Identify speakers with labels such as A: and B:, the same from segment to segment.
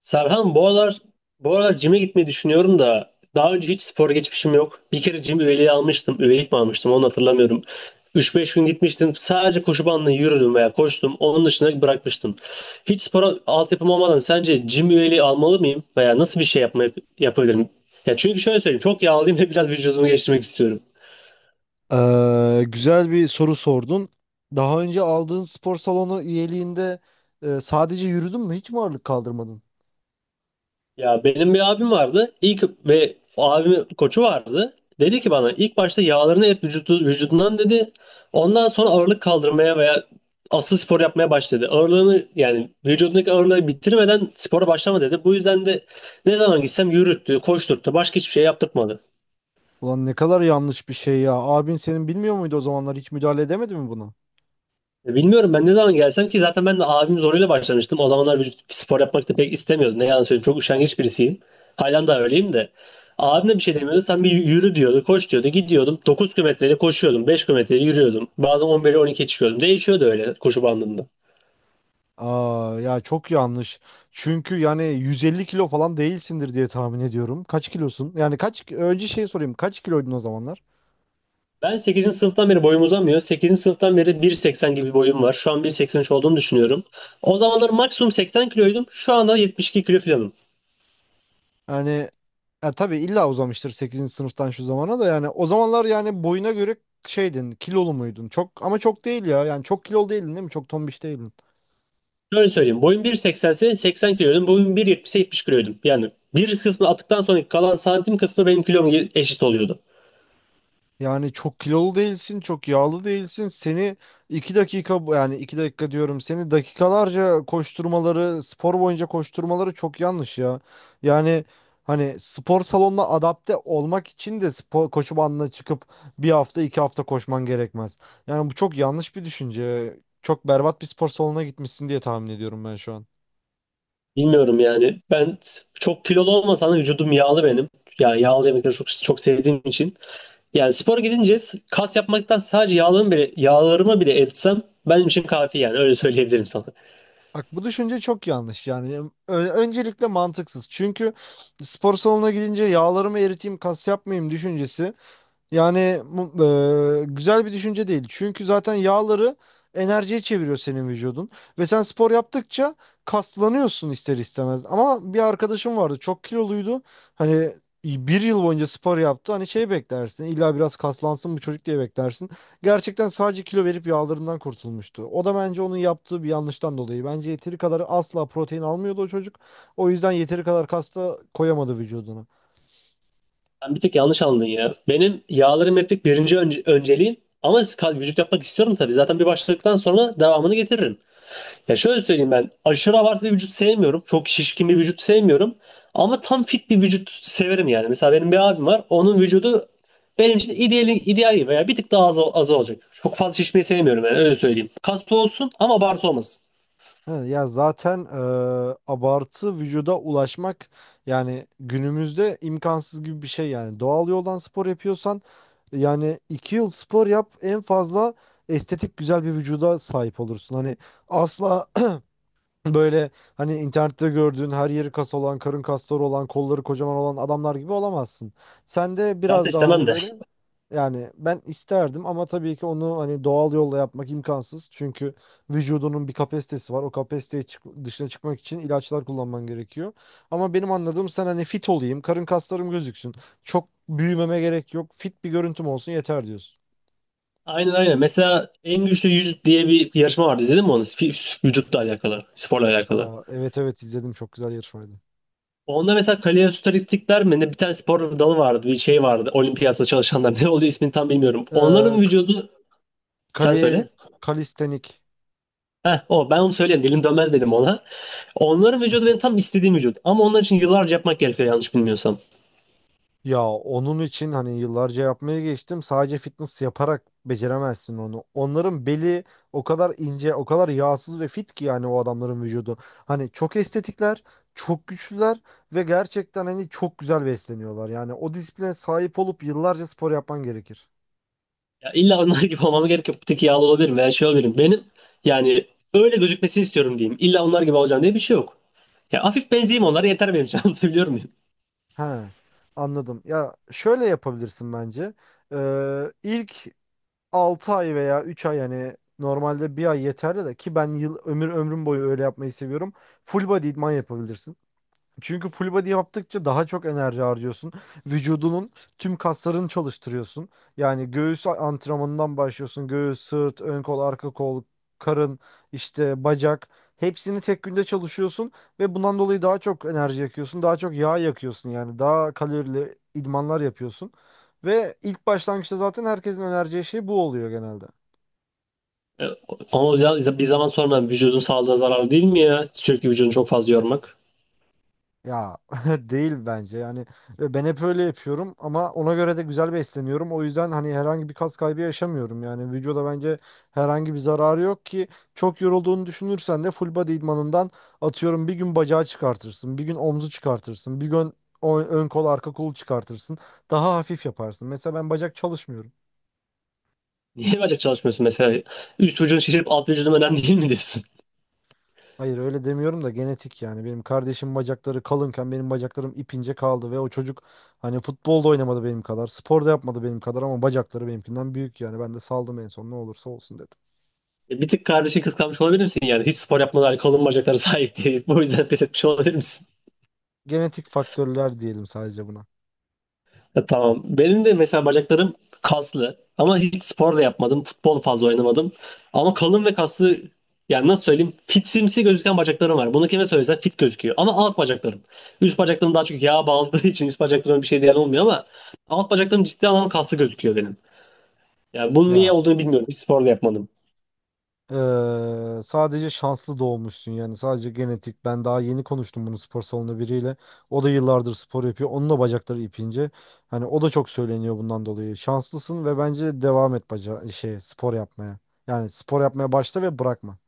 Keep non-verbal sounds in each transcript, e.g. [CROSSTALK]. A: Serhan, bu aralar cime gitmeyi düşünüyorum da daha önce hiç spor geçmişim yok. Bir kere cim üyeliği almıştım. Üyelik mi almıştım, onu hatırlamıyorum. Üç beş gün gitmiştim. Sadece koşu bandına yürüdüm veya koştum. Onun dışında bırakmıştım. Hiç spora altyapım olmadan sence cim üyeliği almalı mıyım? Veya nasıl bir şey yapabilirim? Ya çünkü şöyle söyleyeyim. Çok yağlıyım ve biraz vücudumu geliştirmek istiyorum.
B: Güzel bir soru sordun. Daha önce aldığın spor salonu üyeliğinde sadece yürüdün mü? Hiç mi ağırlık kaldırmadın?
A: Ya benim bir abim vardı. İlk ve o abimin koçu vardı. Dedi ki bana ilk başta yağlarını et vücudu, vücudundan dedi. Ondan sonra ağırlık kaldırmaya veya asıl spor yapmaya başladı. Ağırlığını yani vücudundaki ağırlığı bitirmeden spora başlama dedi. Bu yüzden de ne zaman gitsem yürüttü, koşturttu. Başka hiçbir şey yaptırtmadı.
B: Ulan ne kadar yanlış bir şey ya. Abin senin bilmiyor muydu o zamanlar? Hiç müdahale edemedi mi buna?
A: Bilmiyorum, ben ne zaman gelsem ki zaten ben de abim zoruyla başlamıştım. O zamanlar vücut spor yapmak da pek istemiyordum. Ne yalan söyleyeyim. Çok üşengeç birisiyim. Halen daha öyleyim de. Abim de
B: [LAUGHS]
A: bir şey demiyordu. Sen bir yürü diyordu, koş diyordu. Gidiyordum. 9 kilometreyle koşuyordum. 5 kilometreyle yürüyordum. Bazen 11'e, on 12'ye çıkıyordum. Değişiyordu öyle koşu bandında.
B: Aa, ya çok yanlış. Çünkü yani 150 kilo falan değilsindir diye tahmin ediyorum. Kaç kilosun? Yani kaç önce şey sorayım. Kaç kiloydun o zamanlar?
A: Ben sekizinci sınıftan beri boyum uzamıyor. Sekizinci sınıftan beri bir seksen gibi bir boyum var. Şu an bir seksen üç olduğunu düşünüyorum. O zamanlar maksimum 80 kiloydum. Şu anda 72 kilo falanım.
B: Yani ya tabii illa uzamıştır sekizinci sınıftan şu zamana da, yani o zamanlar yani boyuna göre şeydin, kilolu muydun? Çok, ama çok değil ya, yani çok kilolu değildin değil mi? Çok tombiş değildin.
A: Şöyle söyleyeyim. Boyum bir seksense, 80 kiloydum. Boyum 1,70'e 70 kiloydum. Yani bir kısmı attıktan sonra kalan santim kısmı benim kilom eşit oluyordu.
B: Yani çok kilolu değilsin, çok yağlı değilsin. Seni 2 dakika yani 2 dakika diyorum, seni dakikalarca koşturmaları, spor boyunca koşturmaları çok yanlış ya. Yani hani spor salonuna adapte olmak için de spor koşu bandına çıkıp bir hafta 2 hafta koşman gerekmez. Yani bu çok yanlış bir düşünce. Çok berbat bir spor salonuna gitmişsin diye tahmin ediyorum ben şu an.
A: Bilmiyorum yani. Ben çok kilolu olmasam da vücudum yağlı benim. Yani yağlı yemekleri çok çok sevdiğim için. Yani spora gidince kas yapmaktan sadece yağlarımı bile eritsem benim için kafi, yani öyle söyleyebilirim sana.
B: Bak bu düşünce çok yanlış yani. Öncelikle mantıksız. Çünkü spor salonuna gidince yağlarımı eriteyim, kas yapmayayım düşüncesi, yani güzel bir düşünce değil. Çünkü zaten yağları enerjiye çeviriyor senin vücudun. Ve sen spor yaptıkça kaslanıyorsun ister istemez. Ama bir arkadaşım vardı, çok kiloluydu. Hani bir yıl boyunca spor yaptı. Hani şey, beklersin illa biraz kaslansın bu çocuk diye beklersin. Gerçekten sadece kilo verip yağlarından kurtulmuştu. O da bence onun yaptığı bir yanlıştan dolayı. Bence yeteri kadar asla protein almıyordu o çocuk. O yüzden yeteri kadar kas da koyamadı vücuduna.
A: Sen bir tık yanlış anladın ya. Benim yağlarım eritmek birinci önceliğim ama vücut yapmak istiyorum tabii. Zaten bir başladıktan sonra devamını getiririm. Ya şöyle söyleyeyim, ben aşırı abartı bir vücut sevmiyorum. Çok şişkin bir vücut sevmiyorum. Ama tam fit bir vücut severim yani. Mesela benim bir abim var. Onun vücudu benim için ideal, ideal gibi veya bir tık daha az, az olacak. Çok fazla şişmeyi sevmiyorum yani, öyle söyleyeyim. Kaslı olsun ama abartı olmasın.
B: He, ya zaten abartı vücuda ulaşmak yani günümüzde imkansız gibi bir şey yani. Doğal yoldan spor yapıyorsan yani 2 yıl spor yap en fazla, estetik güzel bir vücuda sahip olursun. Hani asla, böyle hani internette gördüğün her yeri kas olan, karın kasları olan, kolları kocaman olan adamlar gibi olamazsın. Sen de
A: Zaten
B: biraz daha
A: istemem
B: hani
A: de.
B: böyle, yani ben isterdim, ama tabii ki onu hani doğal yolla yapmak imkansız. Çünkü vücudunun bir kapasitesi var. O kapasiteye dışına çıkmak için ilaçlar kullanman gerekiyor. Ama benim anladığım sen hani fit olayım, karın kaslarım gözüksün. Çok büyümeme gerek yok. Fit bir görüntüm olsun yeter diyorsun.
A: Aynen aynen. Mesela en güçlü 100 diye bir yarışma vardı. İzledin mi onu? Vücutla alakalı. Sporla alakalı.
B: Aa, evet evet, izledim, çok güzel yarışmaydı.
A: Onda mesela kaloriferiklikler mi ne, bir tane spor dalı vardı. Bir şey vardı. Olimpiyatta çalışanlar. [LAUGHS] Ne oluyor, ismini tam bilmiyorum.
B: Ee,
A: Onların
B: k-
A: vücudu... Sen
B: kali,
A: söyle.
B: Kalistenik.
A: Heh, o ben onu söyleyeyim dilim dönmez dedim ona. Onların vücudu benim tam istediğim vücut. Ama onlar için yıllarca yapmak gerekiyor yanlış bilmiyorsam.
B: Ya onun için hani yıllarca yapmaya geçtim. Sadece fitness yaparak beceremezsin onu. Onların beli o kadar ince, o kadar yağsız ve fit ki yani o adamların vücudu. Hani çok estetikler, çok güçlüler ve gerçekten hani çok güzel besleniyorlar. Yani o disipline sahip olup yıllarca spor yapman gerekir.
A: Ya illa onlar gibi olmama gerek yok. Bir tık yağlı olabilirim veya şey olabilirim. Benim yani öyle gözükmesini istiyorum diyeyim. İlla onlar gibi olacağım diye bir şey yok. Ya hafif benzeyeyim onlara yeter benim için. [LAUGHS] Anlatabiliyor muyum?
B: He, anladım. Ya şöyle yapabilirsin bence. İlk 6 ay veya 3 ay, yani normalde bir ay yeterli de ki ben yıl ömrüm boyu öyle yapmayı seviyorum. Full body idman yapabilirsin. Çünkü full body yaptıkça daha çok enerji harcıyorsun. Vücudunun tüm kaslarını çalıştırıyorsun. Yani göğüs antrenmanından başlıyorsun. Göğüs, sırt, ön kol, arka kol, karın, işte bacak. Hepsini tek günde çalışıyorsun ve bundan dolayı daha çok enerji yakıyorsun. Daha çok yağ yakıyorsun yani. Daha kalorili idmanlar yapıyorsun. Ve ilk başlangıçta zaten herkesin önereceği şey bu oluyor genelde.
A: E, Ama bir zaman sonra vücudun sağlığına zararlı değil mi ya? Sürekli vücudunu çok fazla yormak.
B: Ya [LAUGHS] değil bence yani. Ben hep öyle yapıyorum ama ona göre de güzel besleniyorum. O yüzden hani herhangi bir kas kaybı yaşamıyorum. Yani vücuda bence herhangi bir zararı yok ki, çok yorulduğunu düşünürsen de full body idmanından atıyorum bir gün bacağı çıkartırsın, bir gün omzu çıkartırsın, bir gün ön kol arka kolu çıkartırsın. Daha hafif yaparsın. Mesela ben bacak çalışmıyorum.
A: Niye bacak çalışmıyorsun mesela? Üst vücudun şişirip alt vücudun önemli değil mi diyorsun?
B: Hayır öyle demiyorum da, genetik yani. Benim kardeşim bacakları kalınken benim bacaklarım ipince kaldı ve o çocuk hani futbolda oynamadı benim kadar, spor da yapmadı benim kadar, ama bacakları benimkinden büyük yani. Ben de saldım en son, ne olursa olsun dedim.
A: Bir tık kardeşi kıskanmış olabilir misin yani? Hiç spor yapmadan kalın bacaklara sahip değil. [LAUGHS] Bu yüzden pes etmiş olabilir misin? [LAUGHS]
B: Genetik faktörler diyelim sadece buna.
A: Tamam. Benim de mesela bacaklarım kaslı. Ama hiç spor da yapmadım. Futbol fazla oynamadım. Ama kalın ve kaslı, yani nasıl söyleyeyim? Fitsimsi gözüken bacaklarım var. Bunu kime söylesen fit gözüküyor. Ama alt bacaklarım. Üst bacaklarım daha çok yağa bağladığı [LAUGHS] için üst bacaklarım bir şey diyen olmuyor ama alt bacaklarım ciddi anlamda kaslı gözüküyor benim. Yani bunun niye
B: Ya
A: olduğunu bilmiyorum. Hiç spor da yapmadım.
B: Sadece şanslı doğmuşsun yani, sadece genetik. Ben daha yeni konuştum bunu spor salonu biriyle. O da yıllardır spor yapıyor. Onun da bacakları ipince. Hani o da çok söyleniyor bundan dolayı. Şanslısın ve bence devam et baca şey spor yapmaya. Yani spor yapmaya başla ve bırakma.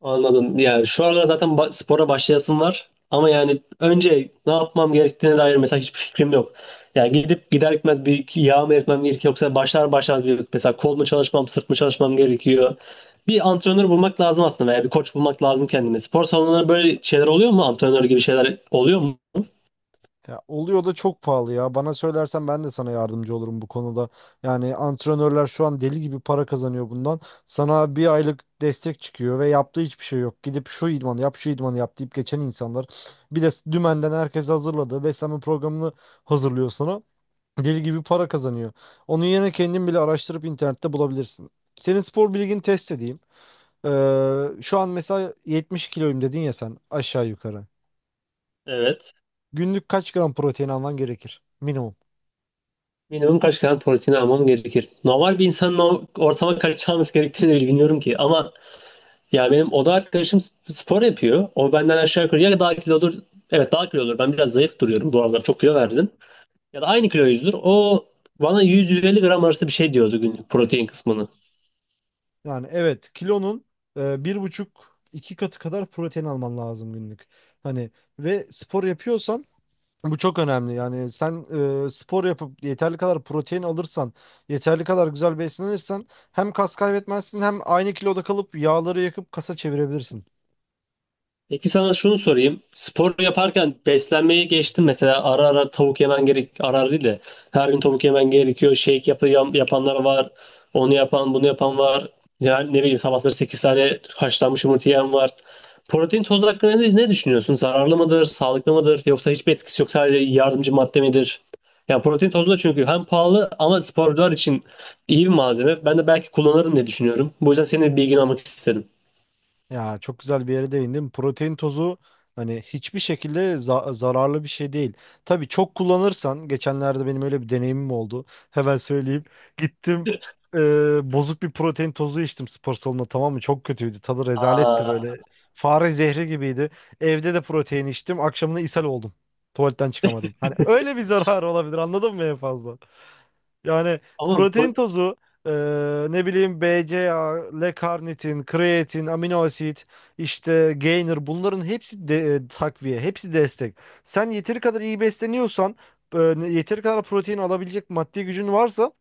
A: Anladım. Yani şu aralar zaten spora başlayasım var. Ama yani önce ne yapmam gerektiğine dair mesela hiçbir fikrim yok. Yani gidip gider gitmez bir iki yağ mı eritmem gerekiyor, yoksa başlar başlamaz bir mesela kol mu çalışmam, sırt mı çalışmam gerekiyor. Bir antrenör bulmak lazım aslında veya bir koç bulmak lazım kendime. Spor salonlarında böyle şeyler oluyor mu? Antrenör gibi şeyler oluyor mu?
B: Ya oluyor da çok pahalı ya. Bana söylersen ben de sana yardımcı olurum bu konuda. Yani antrenörler şu an deli gibi para kazanıyor bundan. Sana bir aylık destek çıkıyor ve yaptığı hiçbir şey yok. Gidip şu idmanı yap, şu idmanı yap deyip geçen insanlar. Bir de dümenden herkes hazırladı. Beslenme programını hazırlıyor sana. Deli gibi para kazanıyor. Onun yerine kendin bile araştırıp internette bulabilirsin. Senin spor bilgini test edeyim. Şu an mesela 70 kiloyum dedin ya sen aşağı yukarı.
A: Evet.
B: Günlük kaç gram protein alman gerekir? Minimum.
A: Minimum kaç gram protein almam gerekir? Normal bir insanın o ortama kaçacağımız gerektiğini bile bilmiyorum ki. Ama ya benim oda arkadaşım spor yapıyor. O benden aşağı yukarı ya daha kilodur. Evet, daha kilodur. Ben biraz zayıf duruyorum. Bu aralar çok kilo verdim. Ya da aynı kilo yüzdür. O bana 100-150 gram arası bir şey diyordu günlük protein kısmını.
B: Yani evet, kilonun bir buçuk iki katı kadar protein alman lazım günlük. Hani ve spor yapıyorsan bu çok önemli. Yani sen spor yapıp yeterli kadar protein alırsan, yeterli kadar güzel beslenirsen hem kas kaybetmezsin, hem aynı kiloda kalıp yağları yakıp kasa çevirebilirsin.
A: Peki sana şunu sorayım. Spor yaparken beslenmeyi geçtim. Mesela ara ara tavuk yemen gerek, ara ara değil de her gün tavuk yemen gerekiyor. Yapanlar var. Onu yapan, bunu yapan var. Yani ne bileyim, sabahları 8 tane haşlanmış yumurta yiyen var. Protein tozu hakkında ne düşünüyorsun? Zararlı mıdır, sağlıklı mıdır, yoksa hiçbir etkisi yok sadece yardımcı madde midir? Yani protein tozu da çünkü hem pahalı ama sporcular için iyi bir malzeme. Ben de belki kullanırım diye düşünüyorum. Bu yüzden senin bilgini almak istedim.
B: Ya çok güzel bir yere değindin. Protein tozu hani hiçbir şekilde zararlı bir şey değil. Tabii çok kullanırsan, geçenlerde benim öyle bir deneyimim oldu. Hemen söyleyeyim. Gittim, bozuk bir protein tozu içtim spor salonunda, tamam mı? Çok kötüydü. Tadı rezaletti
A: Aa,
B: böyle. Fare zehri gibiydi. Evde de protein içtim. Akşamına ishal oldum. Tuvaletten çıkamadım. Hani öyle bir zarar olabilir, anladın mı, en fazla? Yani
A: ama
B: protein
A: pro-
B: tozu, e, ne bileyim BCAA, L-karnitin, kreatin, amino asit, işte gainer, bunların hepsi de takviye, hepsi destek. Sen yeteri kadar iyi besleniyorsan, e, yeteri kadar protein alabilecek maddi gücün varsa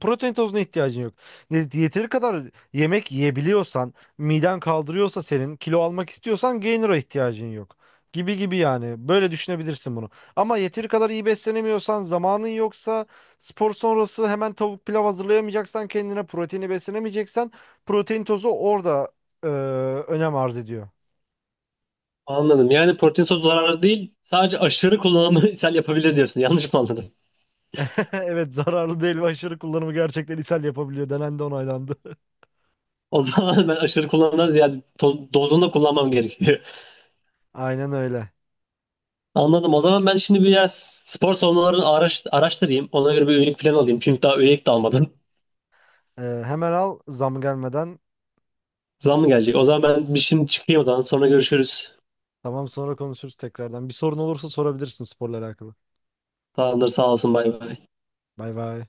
B: protein tozuna ihtiyacın yok. Yeteri kadar yemek yiyebiliyorsan, miden kaldırıyorsa senin, kilo almak istiyorsan gainer'a ihtiyacın yok. Gibi gibi yani. Böyle düşünebilirsin bunu. Ama yeteri kadar iyi beslenemiyorsan, zamanın yoksa, spor sonrası hemen tavuk pilav hazırlayamayacaksan, kendine proteini beslenemeyeceksen, protein tozu orada e, önem arz ediyor.
A: anladım. Yani protein tozu zararlı değil. Sadece aşırı kullanımı [LAUGHS] ishal yapabilir diyorsun. Yanlış mı anladım?
B: [LAUGHS] Evet, zararlı değil ve aşırı kullanımı gerçekten ishal yapabiliyor. Denendi, onaylandı.
A: O zaman ben aşırı kullanımdan ziyade, dozunda kullanmam gerekiyor.
B: [LAUGHS] Aynen öyle.
A: [LAUGHS] Anladım. O zaman ben şimdi biraz spor salonlarını araştırayım. Ona göre bir üyelik falan alayım. Çünkü daha üyelik de almadım.
B: Hemen al zam gelmeden.
A: [LAUGHS] Zam mı gelecek? O zaman ben bir şimdi çıkayım o zaman. Sonra görüşürüz.
B: Tamam, sonra konuşuruz tekrardan. Bir sorun olursa sorabilirsin sporla alakalı.
A: Tamamdır. Sağ olsun. Bay bay.
B: Bay bay.